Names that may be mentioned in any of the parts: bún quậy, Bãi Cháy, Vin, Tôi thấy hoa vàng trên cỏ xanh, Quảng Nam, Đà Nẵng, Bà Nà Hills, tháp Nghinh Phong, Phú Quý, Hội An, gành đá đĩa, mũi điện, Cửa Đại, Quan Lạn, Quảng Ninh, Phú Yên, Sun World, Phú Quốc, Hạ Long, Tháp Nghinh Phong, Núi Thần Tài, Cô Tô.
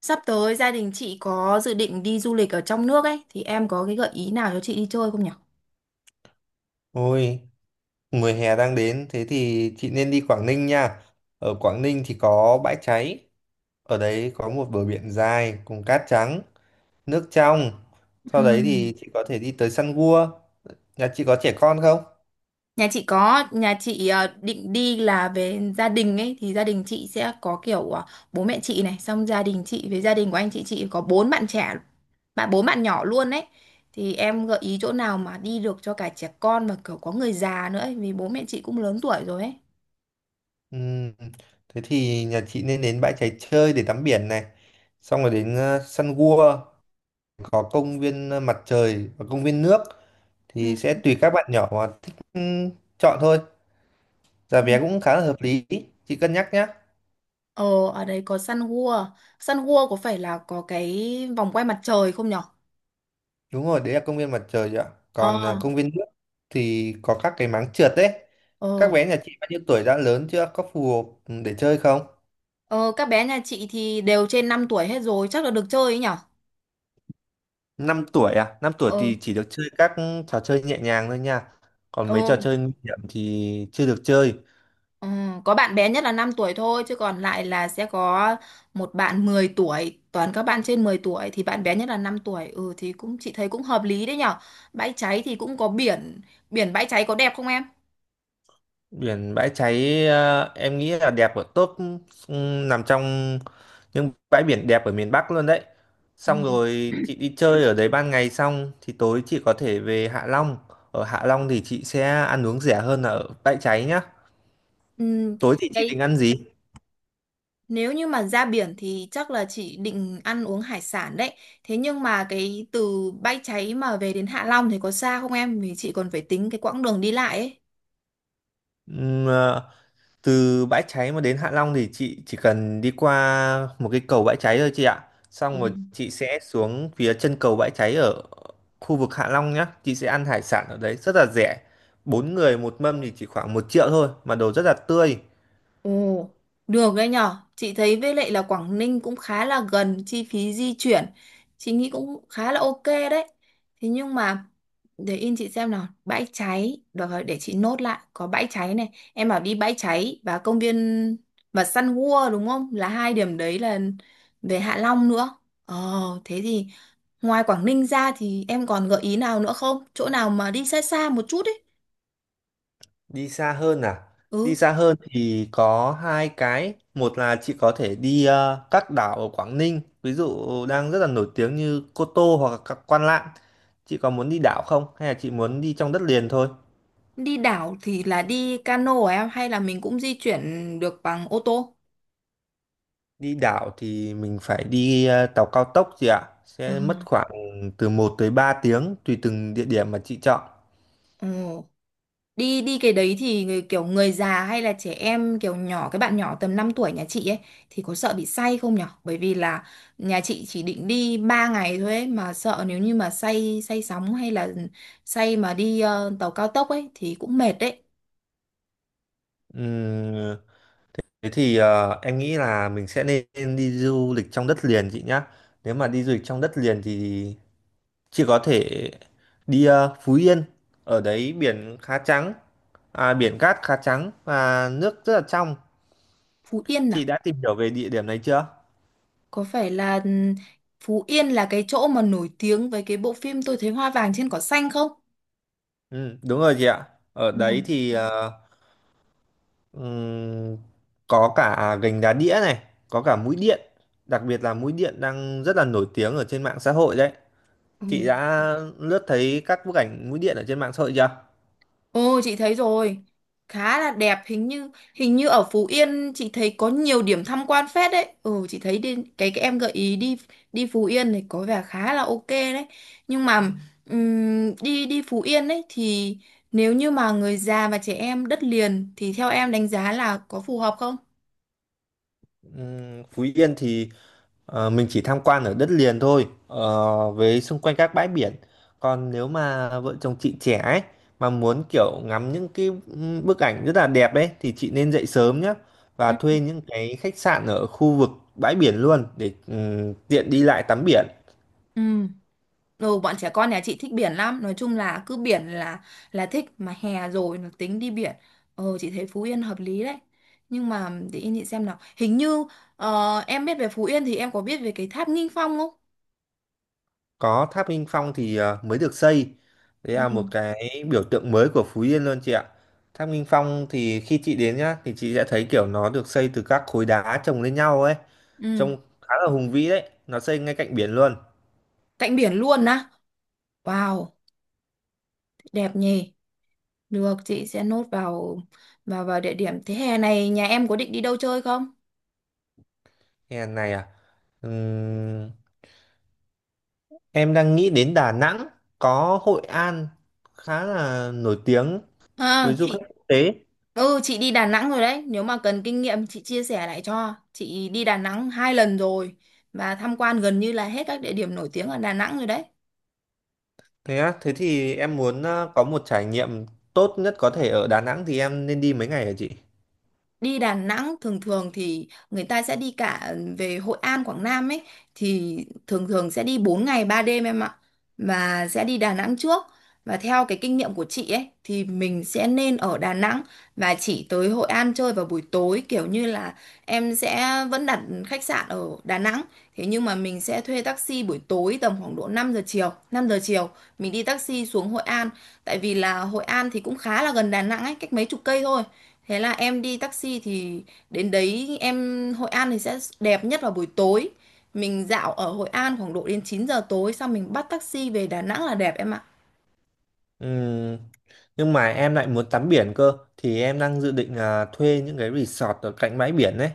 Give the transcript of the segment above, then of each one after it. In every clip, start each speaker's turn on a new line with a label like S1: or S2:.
S1: Sắp tới gia đình chị có dự định đi du lịch ở trong nước ấy thì em có cái gợi ý nào cho chị đi chơi không nhỉ?
S2: Ôi, mùa hè đang đến, thế thì chị nên đi Quảng Ninh nha. Ở Quảng Ninh thì có bãi cháy, ở đấy có một bờ biển dài cùng cát trắng, nước trong. Sau đấy
S1: Ừm.
S2: thì chị có thể đi tới săn gua. Nhà chị có trẻ con không?
S1: Nhà chị có, nhà chị định đi là về gia đình ấy thì gia đình chị sẽ có kiểu bố mẹ chị này, xong gia đình chị với gia đình của anh chị có 4 bạn trẻ, 4 bạn nhỏ luôn ấy. Thì em gợi ý chỗ nào mà đi được cho cả trẻ con và kiểu có người già nữa ấy, vì bố mẹ chị cũng lớn tuổi rồi ấy.
S2: Ừm, thế thì nhà chị nên đến bãi cháy chơi để tắm biển này. Xong rồi đến săn gua, có công viên mặt trời và công viên nước. Thì
S1: Ừm.
S2: sẽ tùy các bạn nhỏ mà thích chọn thôi. Giá vé cũng khá là hợp lý, chị cân nhắc nhé.
S1: Ờ, ở đấy có Sun World. Sun World có phải là có cái vòng quay mặt trời không nhở?
S2: Đúng rồi, đấy là công viên mặt trời ạ.
S1: Ờ.
S2: Còn công viên nước thì có các cái máng trượt đấy.
S1: Ờ,
S2: Các bé nhà chị bao nhiêu tuổi đã lớn chưa? Có phù hợp để chơi không?
S1: ờ, các bé nhà chị thì đều trên 5 tuổi hết rồi, chắc là được chơi ấy nhở?
S2: Năm tuổi à? Năm tuổi
S1: Ờ,
S2: thì chỉ được chơi các trò chơi nhẹ nhàng thôi nha. Còn
S1: ờ,
S2: mấy trò chơi nguy hiểm thì chưa được chơi.
S1: ờ, có bạn bé nhất là 5 tuổi thôi, chứ còn lại là sẽ có một bạn 10 tuổi, toàn các bạn trên 10 tuổi thì bạn bé nhất là 5 tuổi. Ừ thì cũng chị thấy cũng hợp lý đấy nhở. Bãi Cháy thì cũng có biển, biển Bãi Cháy có đẹp không em?
S2: Biển Bãi Cháy em nghĩ là đẹp ở top nằm trong những bãi biển đẹp ở miền Bắc luôn đấy.
S1: Ừ.
S2: Xong rồi chị đi chơi ở đấy ban ngày xong thì tối chị có thể về Hạ Long. Ở Hạ Long thì chị sẽ ăn uống rẻ hơn là ở Bãi Cháy nhá.
S1: Ừ,
S2: Tối thì chị
S1: Cái
S2: định ăn gì?
S1: nếu như mà ra biển thì chắc là chị định ăn uống hải sản đấy. Thế nhưng mà cái từ Bãi Cháy mà về đến Hạ Long thì có xa không em? Vì chị còn phải tính cái quãng đường đi lại
S2: Ừm, à, từ Bãi Cháy mà đến Hạ Long thì chị chỉ cần đi qua một cái cầu Bãi Cháy thôi chị ạ. Xong rồi
S1: ấy.
S2: chị sẽ xuống phía chân cầu Bãi Cháy ở khu vực Hạ Long nhá. Chị sẽ ăn hải sản ở đấy rất là rẻ. Bốn người một mâm thì chỉ khoảng một triệu thôi mà đồ rất là tươi.
S1: Ồ, được đấy nhở. Chị thấy với lại là Quảng Ninh cũng khá là gần chi phí di chuyển. Chị nghĩ cũng khá là ok đấy. Thế nhưng mà để in chị xem nào, Bãi Cháy, được rồi để chị nốt lại, có Bãi Cháy này. Em bảo đi Bãi Cháy và công viên và săn gua đúng không? Là hai điểm đấy là về Hạ Long nữa. Ờ, thế thì ngoài Quảng Ninh ra thì em còn gợi ý nào nữa không? Chỗ nào mà đi xa xa một chút ấy.
S2: Đi xa hơn à? Đi
S1: Ừ.
S2: xa hơn thì có hai cái. Một là chị có thể đi các đảo ở Quảng Ninh, ví dụ đang rất là nổi tiếng như Cô Tô hoặc là các Quan Lạn. Chị có muốn đi đảo không? Hay là chị muốn đi trong đất liền thôi?
S1: Đi đảo thì là đi cano hả em hay là mình cũng di chuyển được bằng ô tô?
S2: Đi đảo thì mình phải đi tàu cao tốc chị ạ.
S1: Ờ.
S2: Sẽ mất khoảng từ một tới 3 tiếng tùy từng địa điểm mà chị chọn.
S1: Ồ, đi đi cái đấy thì người, kiểu người già hay là trẻ em kiểu nhỏ cái bạn nhỏ tầm 5 tuổi nhà chị ấy thì có sợ bị say không nhở? Bởi vì là nhà chị chỉ định đi 3 ngày thôi ấy, mà sợ nếu như mà say say sóng hay là say mà đi tàu cao tốc ấy thì cũng mệt đấy.
S2: Ừm, thế thì em nghĩ là mình sẽ nên đi du lịch trong đất liền chị nhá. Nếu mà đi du lịch trong đất liền thì chị có thể đi Phú Yên, ở đấy biển khá trắng, biển cát khá trắng và nước rất là trong.
S1: Phú Yên
S2: Chị
S1: à?
S2: đã tìm hiểu về địa điểm này chưa?
S1: Có phải là Phú Yên là cái chỗ mà nổi tiếng với cái bộ phim Tôi thấy hoa vàng trên cỏ xanh không?
S2: Ừ, đúng rồi chị ạ, ở
S1: Ừ.
S2: đấy thì ừm, có cả gành đá đĩa này, có cả mũi điện, đặc biệt là mũi điện đang rất là nổi tiếng ở trên mạng xã hội đấy. Chị
S1: Ừ.
S2: đã lướt thấy các bức ảnh mũi điện ở trên mạng xã hội chưa?
S1: Ồ chị thấy rồi, khá là đẹp. Hình như ở Phú Yên chị thấy có nhiều điểm tham quan phết đấy. Ừ, chị thấy đi, cái em gợi ý đi đi Phú Yên này có vẻ khá là ok đấy, nhưng mà đi đi Phú Yên đấy thì nếu như mà người già và trẻ em đất liền thì theo em đánh giá là có phù hợp không?
S2: Phú Yên thì ờ, mình chỉ tham quan ở đất liền thôi, với xung quanh các bãi biển, còn nếu mà vợ chồng chị trẻ ấy mà muốn kiểu ngắm những cái bức ảnh rất là đẹp đấy thì chị nên dậy sớm nhé, và
S1: Ừ.
S2: thuê những cái khách sạn ở khu vực bãi biển luôn để tiện đi lại tắm biển.
S1: Ừ. Ừ, bọn trẻ con nhà chị thích biển lắm, nói chung là cứ biển là thích, mà hè rồi nó tính đi biển. Chị thấy Phú Yên hợp lý đấy, nhưng mà để yên chị xem nào, hình như em biết về Phú Yên thì em có biết về cái tháp Nghinh Phong không?
S2: Có tháp Nghinh Phong thì mới được xây, đấy là một
S1: Ừ.
S2: cái biểu tượng mới của Phú Yên luôn chị ạ. Tháp Nghinh Phong thì khi chị đến nhá thì chị sẽ thấy kiểu nó được xây từ các khối đá chồng lên nhau ấy,
S1: Ừ.
S2: trông khá là hùng vĩ đấy, nó xây ngay cạnh biển luôn.
S1: Cạnh biển luôn á. Wow, đẹp nhỉ. Được, chị sẽ nốt vào, vào địa điểm. Thế hè này nhà em có định đi đâu chơi không?
S2: Nghe này à, Ừm, em đang nghĩ đến Đà Nẵng, có Hội An khá là nổi tiếng
S1: À,
S2: với du khách
S1: chị...
S2: quốc tế.
S1: Ừ, chị đi Đà Nẵng rồi đấy. Nếu mà cần kinh nghiệm chị chia sẻ lại cho. Chị đi Đà Nẵng 2 lần rồi, và tham quan gần như là hết các địa điểm nổi tiếng ở Đà Nẵng rồi đấy.
S2: Thế á, thế thì em muốn có một trải nghiệm tốt nhất có thể ở Đà Nẵng thì em nên đi mấy ngày hả chị?
S1: Đi Đà Nẵng thường thường thì người ta sẽ đi cả về Hội An, Quảng Nam ấy, thì thường thường sẽ đi 4 ngày 3 đêm em ạ, và sẽ đi Đà Nẵng trước. Và theo cái kinh nghiệm của chị ấy thì mình sẽ nên ở Đà Nẵng và chỉ tới Hội An chơi vào buổi tối, kiểu như là em sẽ vẫn đặt khách sạn ở Đà Nẵng, thế nhưng mà mình sẽ thuê taxi buổi tối tầm khoảng độ năm giờ chiều, mình đi taxi xuống Hội An. Tại vì là Hội An thì cũng khá là gần Đà Nẵng ấy, cách mấy chục cây thôi, thế là em đi taxi thì đến đấy, em Hội An thì sẽ đẹp nhất vào buổi tối, mình dạo ở Hội An khoảng độ đến 9 giờ tối xong mình bắt taxi về Đà Nẵng là đẹp em ạ.
S2: Ừm, nhưng mà em lại muốn tắm biển cơ thì em đang dự định là thuê những cái resort ở cạnh bãi biển đấy.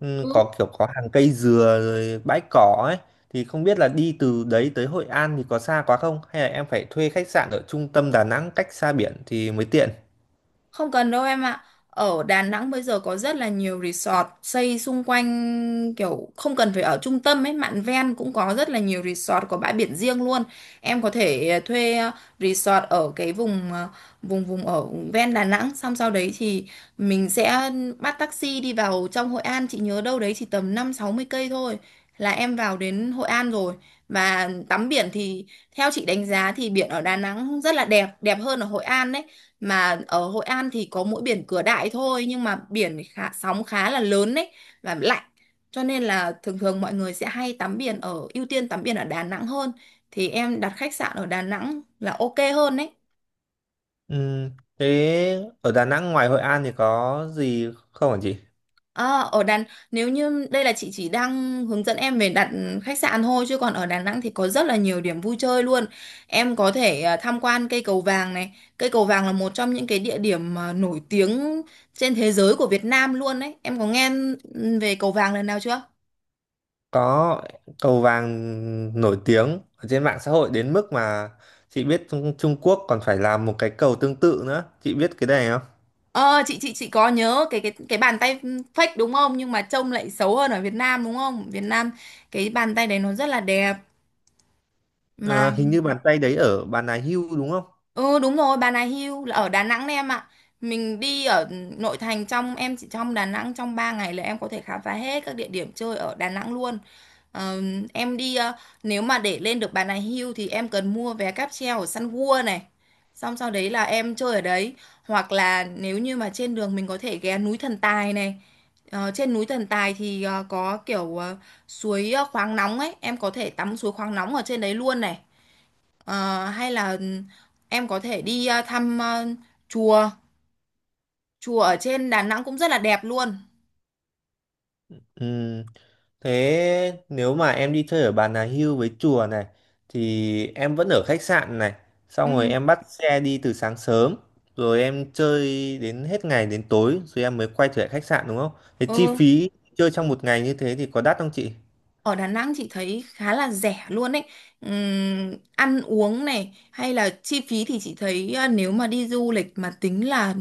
S2: Ừ, có kiểu có hàng cây dừa rồi bãi cỏ ấy, thì không biết là đi từ đấy tới Hội An thì có xa quá không, hay là em phải thuê khách sạn ở trung tâm Đà Nẵng cách xa biển thì mới tiện.
S1: Không cần đâu em ạ. Ở Đà Nẵng bây giờ có rất là nhiều resort xây xung quanh, kiểu không cần phải ở trung tâm ấy, mạn ven cũng có rất là nhiều resort có bãi biển riêng luôn. Em có thể thuê resort ở cái vùng ờ, vùng vùng ở ven Đà Nẵng, xong sau đấy thì mình sẽ bắt taxi đi vào trong Hội An, chị nhớ đâu đấy chỉ tầm 50-60 cây thôi là em vào đến Hội An rồi. Và tắm biển thì theo chị đánh giá thì biển ở Đà Nẵng rất là đẹp, đẹp hơn ở Hội An đấy, mà ở Hội An thì có mỗi biển Cửa Đại thôi, nhưng mà biển khá, sóng khá là lớn đấy và lạnh, cho nên là thường thường mọi người sẽ hay tắm biển ở ưu tiên tắm biển ở Đà Nẵng hơn, thì em đặt khách sạn ở Đà Nẵng là ok hơn đấy.
S2: Ừ, thế ở Đà Nẵng ngoài Hội An thì có gì không hả chị?
S1: À, ở Đà nếu như đây là chị chỉ đang hướng dẫn em về đặt khách sạn thôi, chứ còn ở Đà Nẵng thì có rất là nhiều điểm vui chơi luôn. Em có thể tham quan cây Cầu Vàng này. Cây Cầu Vàng là một trong những cái địa điểm mà nổi tiếng trên thế giới của Việt Nam luôn đấy. Em có nghe về Cầu Vàng lần nào chưa?
S2: Có. Cầu vàng nổi tiếng ở trên mạng xã hội đến mức mà chị biết Trung Quốc còn phải làm một cái cầu tương tự nữa, chị biết cái này không?
S1: Ờ, chị có nhớ cái bàn tay fake đúng không? Nhưng mà trông lại xấu hơn ở Việt Nam đúng không? Việt Nam cái bàn tay đấy nó rất là đẹp. Mà...
S2: À, hình như bàn tay đấy ở Bà Nà Hưu đúng không?
S1: Ừ đúng rồi, Bà Nà Hills là ở Đà Nẵng đấy em ạ. Mình đi ở nội thành, trong em chỉ trong Đà Nẵng trong 3 ngày là em có thể khám phá hết các địa điểm chơi ở Đà Nẵng luôn. Ờ, em đi ờ, nếu mà để lên được Bà Nà Hills thì em cần mua vé cáp treo ở Sun World này. Xong sau đấy là em chơi ở đấy, hoặc là nếu như mà trên đường mình có thể ghé núi Thần Tài này. Ờ, trên núi Thần Tài thì có kiểu suối khoáng nóng ấy, em có thể tắm suối khoáng nóng ở trên đấy luôn này. Ờ, hay là em có thể đi thăm chùa chùa ở trên Đà Nẵng cũng rất là đẹp luôn.
S2: Ừ. Thế nếu mà em đi chơi ở Bà Nà Hills với chùa này thì em vẫn ở khách sạn này, xong rồi
S1: Ừ.
S2: em bắt xe đi từ sáng sớm, rồi em chơi đến hết ngày đến tối rồi em mới quay trở lại khách sạn đúng không? Thế
S1: Ừ.
S2: chi phí chơi trong một ngày như thế thì có đắt không chị?
S1: Ở Đà Nẵng chị thấy khá là rẻ luôn ấy. Ăn uống này hay là chi phí thì chị thấy nếu mà đi du lịch mà tính là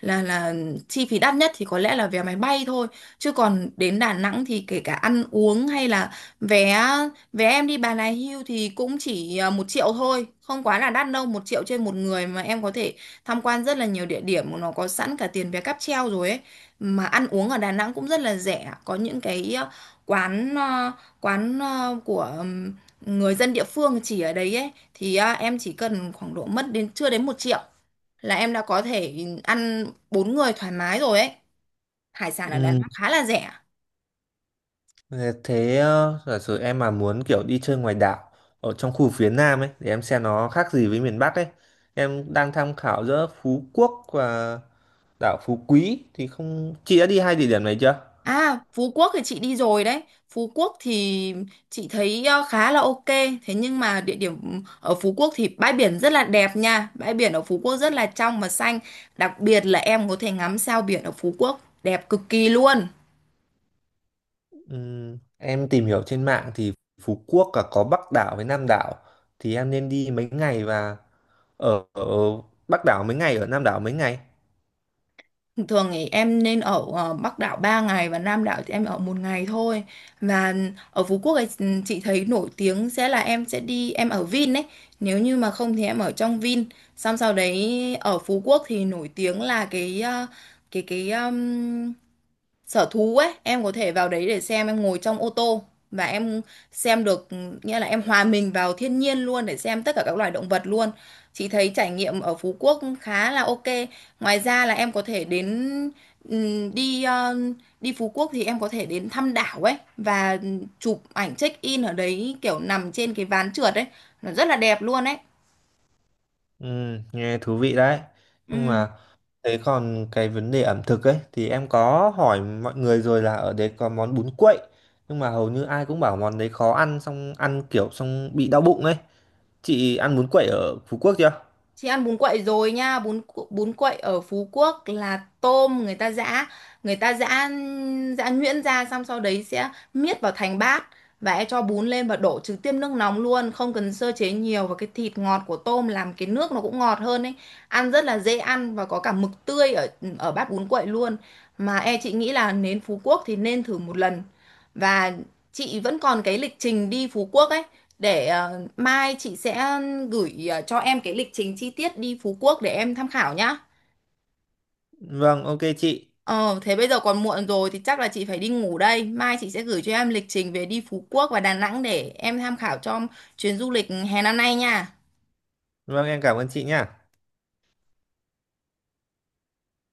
S1: là chi phí đắt nhất thì có lẽ là vé máy bay thôi, chứ còn đến Đà Nẵng thì kể cả ăn uống hay là vé vé em đi Bà Nà Hills thì cũng chỉ 1 triệu thôi, không quá là đắt đâu, 1 triệu trên một người mà em có thể tham quan rất là nhiều địa điểm, nó có sẵn cả tiền vé cáp treo rồi ấy. Mà ăn uống ở Đà Nẵng cũng rất là rẻ, có những cái quán ờ, quán của người dân địa phương chỉ ở đấy ấy thì em chỉ cần khoảng độ mất đến chưa đến 1 triệu là em đã có thể ăn 4 người thoải mái rồi ấy, hải sản ở Đà
S2: Ừ.
S1: Nẵng khá là rẻ.
S2: Thế thế, giả sử em mà muốn kiểu đi chơi ngoài đảo ở trong khu phía Nam ấy để em xem nó khác gì với miền Bắc ấy. Em đang tham khảo giữa Phú Quốc và đảo Phú Quý, thì không chị đã đi hai địa điểm này chưa?
S1: À, Phú Quốc thì chị đi rồi đấy. Phú Quốc thì chị thấy khá là ok, thế nhưng mà địa điểm ở Phú Quốc thì bãi biển rất là đẹp nha, bãi biển ở Phú Quốc rất là trong và xanh, đặc biệt là em có thể ngắm sao biển ở Phú Quốc đẹp cực kỳ luôn.
S2: Em tìm hiểu trên mạng thì Phú Quốc cả có Bắc đảo với Nam đảo, thì em nên đi mấy ngày và ở Bắc đảo mấy ngày, ở Nam đảo mấy ngày?
S1: Thường thì em nên ở Bắc đảo 3 ngày và Nam đảo thì em ở một ngày thôi. Và ở Phú Quốc ấy, chị thấy nổi tiếng sẽ là em sẽ đi em ở Vin ấy. Nếu như mà không thì em ở trong Vin. Xong sau đấy ở Phú Quốc thì nổi tiếng là cái ờ, cái sở thú ấy, em có thể vào đấy để xem, em ngồi trong ô tô và em xem được, nghĩa là em hòa mình vào thiên nhiên luôn để xem tất cả các loài động vật luôn. Chị thấy trải nghiệm ở Phú Quốc khá là ok. Ngoài ra là em có thể đến, ừm, đi ờ, đi Phú Quốc thì em có thể đến thăm đảo ấy và chụp ảnh check in ở đấy kiểu nằm trên cái ván trượt ấy nó rất là đẹp luôn ấy.
S2: Ừ, nghe thú vị đấy. Nhưng
S1: Ừ.
S2: mà thế còn cái vấn đề ẩm thực ấy thì em có hỏi mọi người rồi là ở đấy có món bún quậy, nhưng mà hầu như ai cũng bảo món đấy khó ăn, xong ăn kiểu xong bị đau bụng ấy. Chị ăn bún quậy ở Phú Quốc chưa?
S1: Chị ăn bún quậy rồi nha, bún quậy ở Phú Quốc là tôm người ta giã giã nhuyễn ra xong sau đấy sẽ miết vào thành bát, và em cho bún lên và đổ trực tiếp nước nóng luôn, không cần sơ chế nhiều, và cái thịt ngọt của tôm làm cái nước nó cũng ngọt hơn ấy. Ăn rất là dễ ăn và có cả mực tươi ở ở bát bún quậy luôn. Mà e chị nghĩ là đến Phú Quốc thì nên thử một lần. Và chị vẫn còn cái lịch trình đi Phú Quốc ấy, để mai chị sẽ gửi cho em cái lịch trình chi tiết đi Phú Quốc để em tham khảo nhá.
S2: Vâng, ok chị.
S1: Ờ, thế bây giờ còn muộn rồi thì chắc là chị phải đi ngủ đây. Mai chị sẽ gửi cho em lịch trình về đi Phú Quốc và Đà Nẵng để em tham khảo cho chuyến du lịch hè năm nay nha.
S2: Vâng, em cảm ơn chị nha.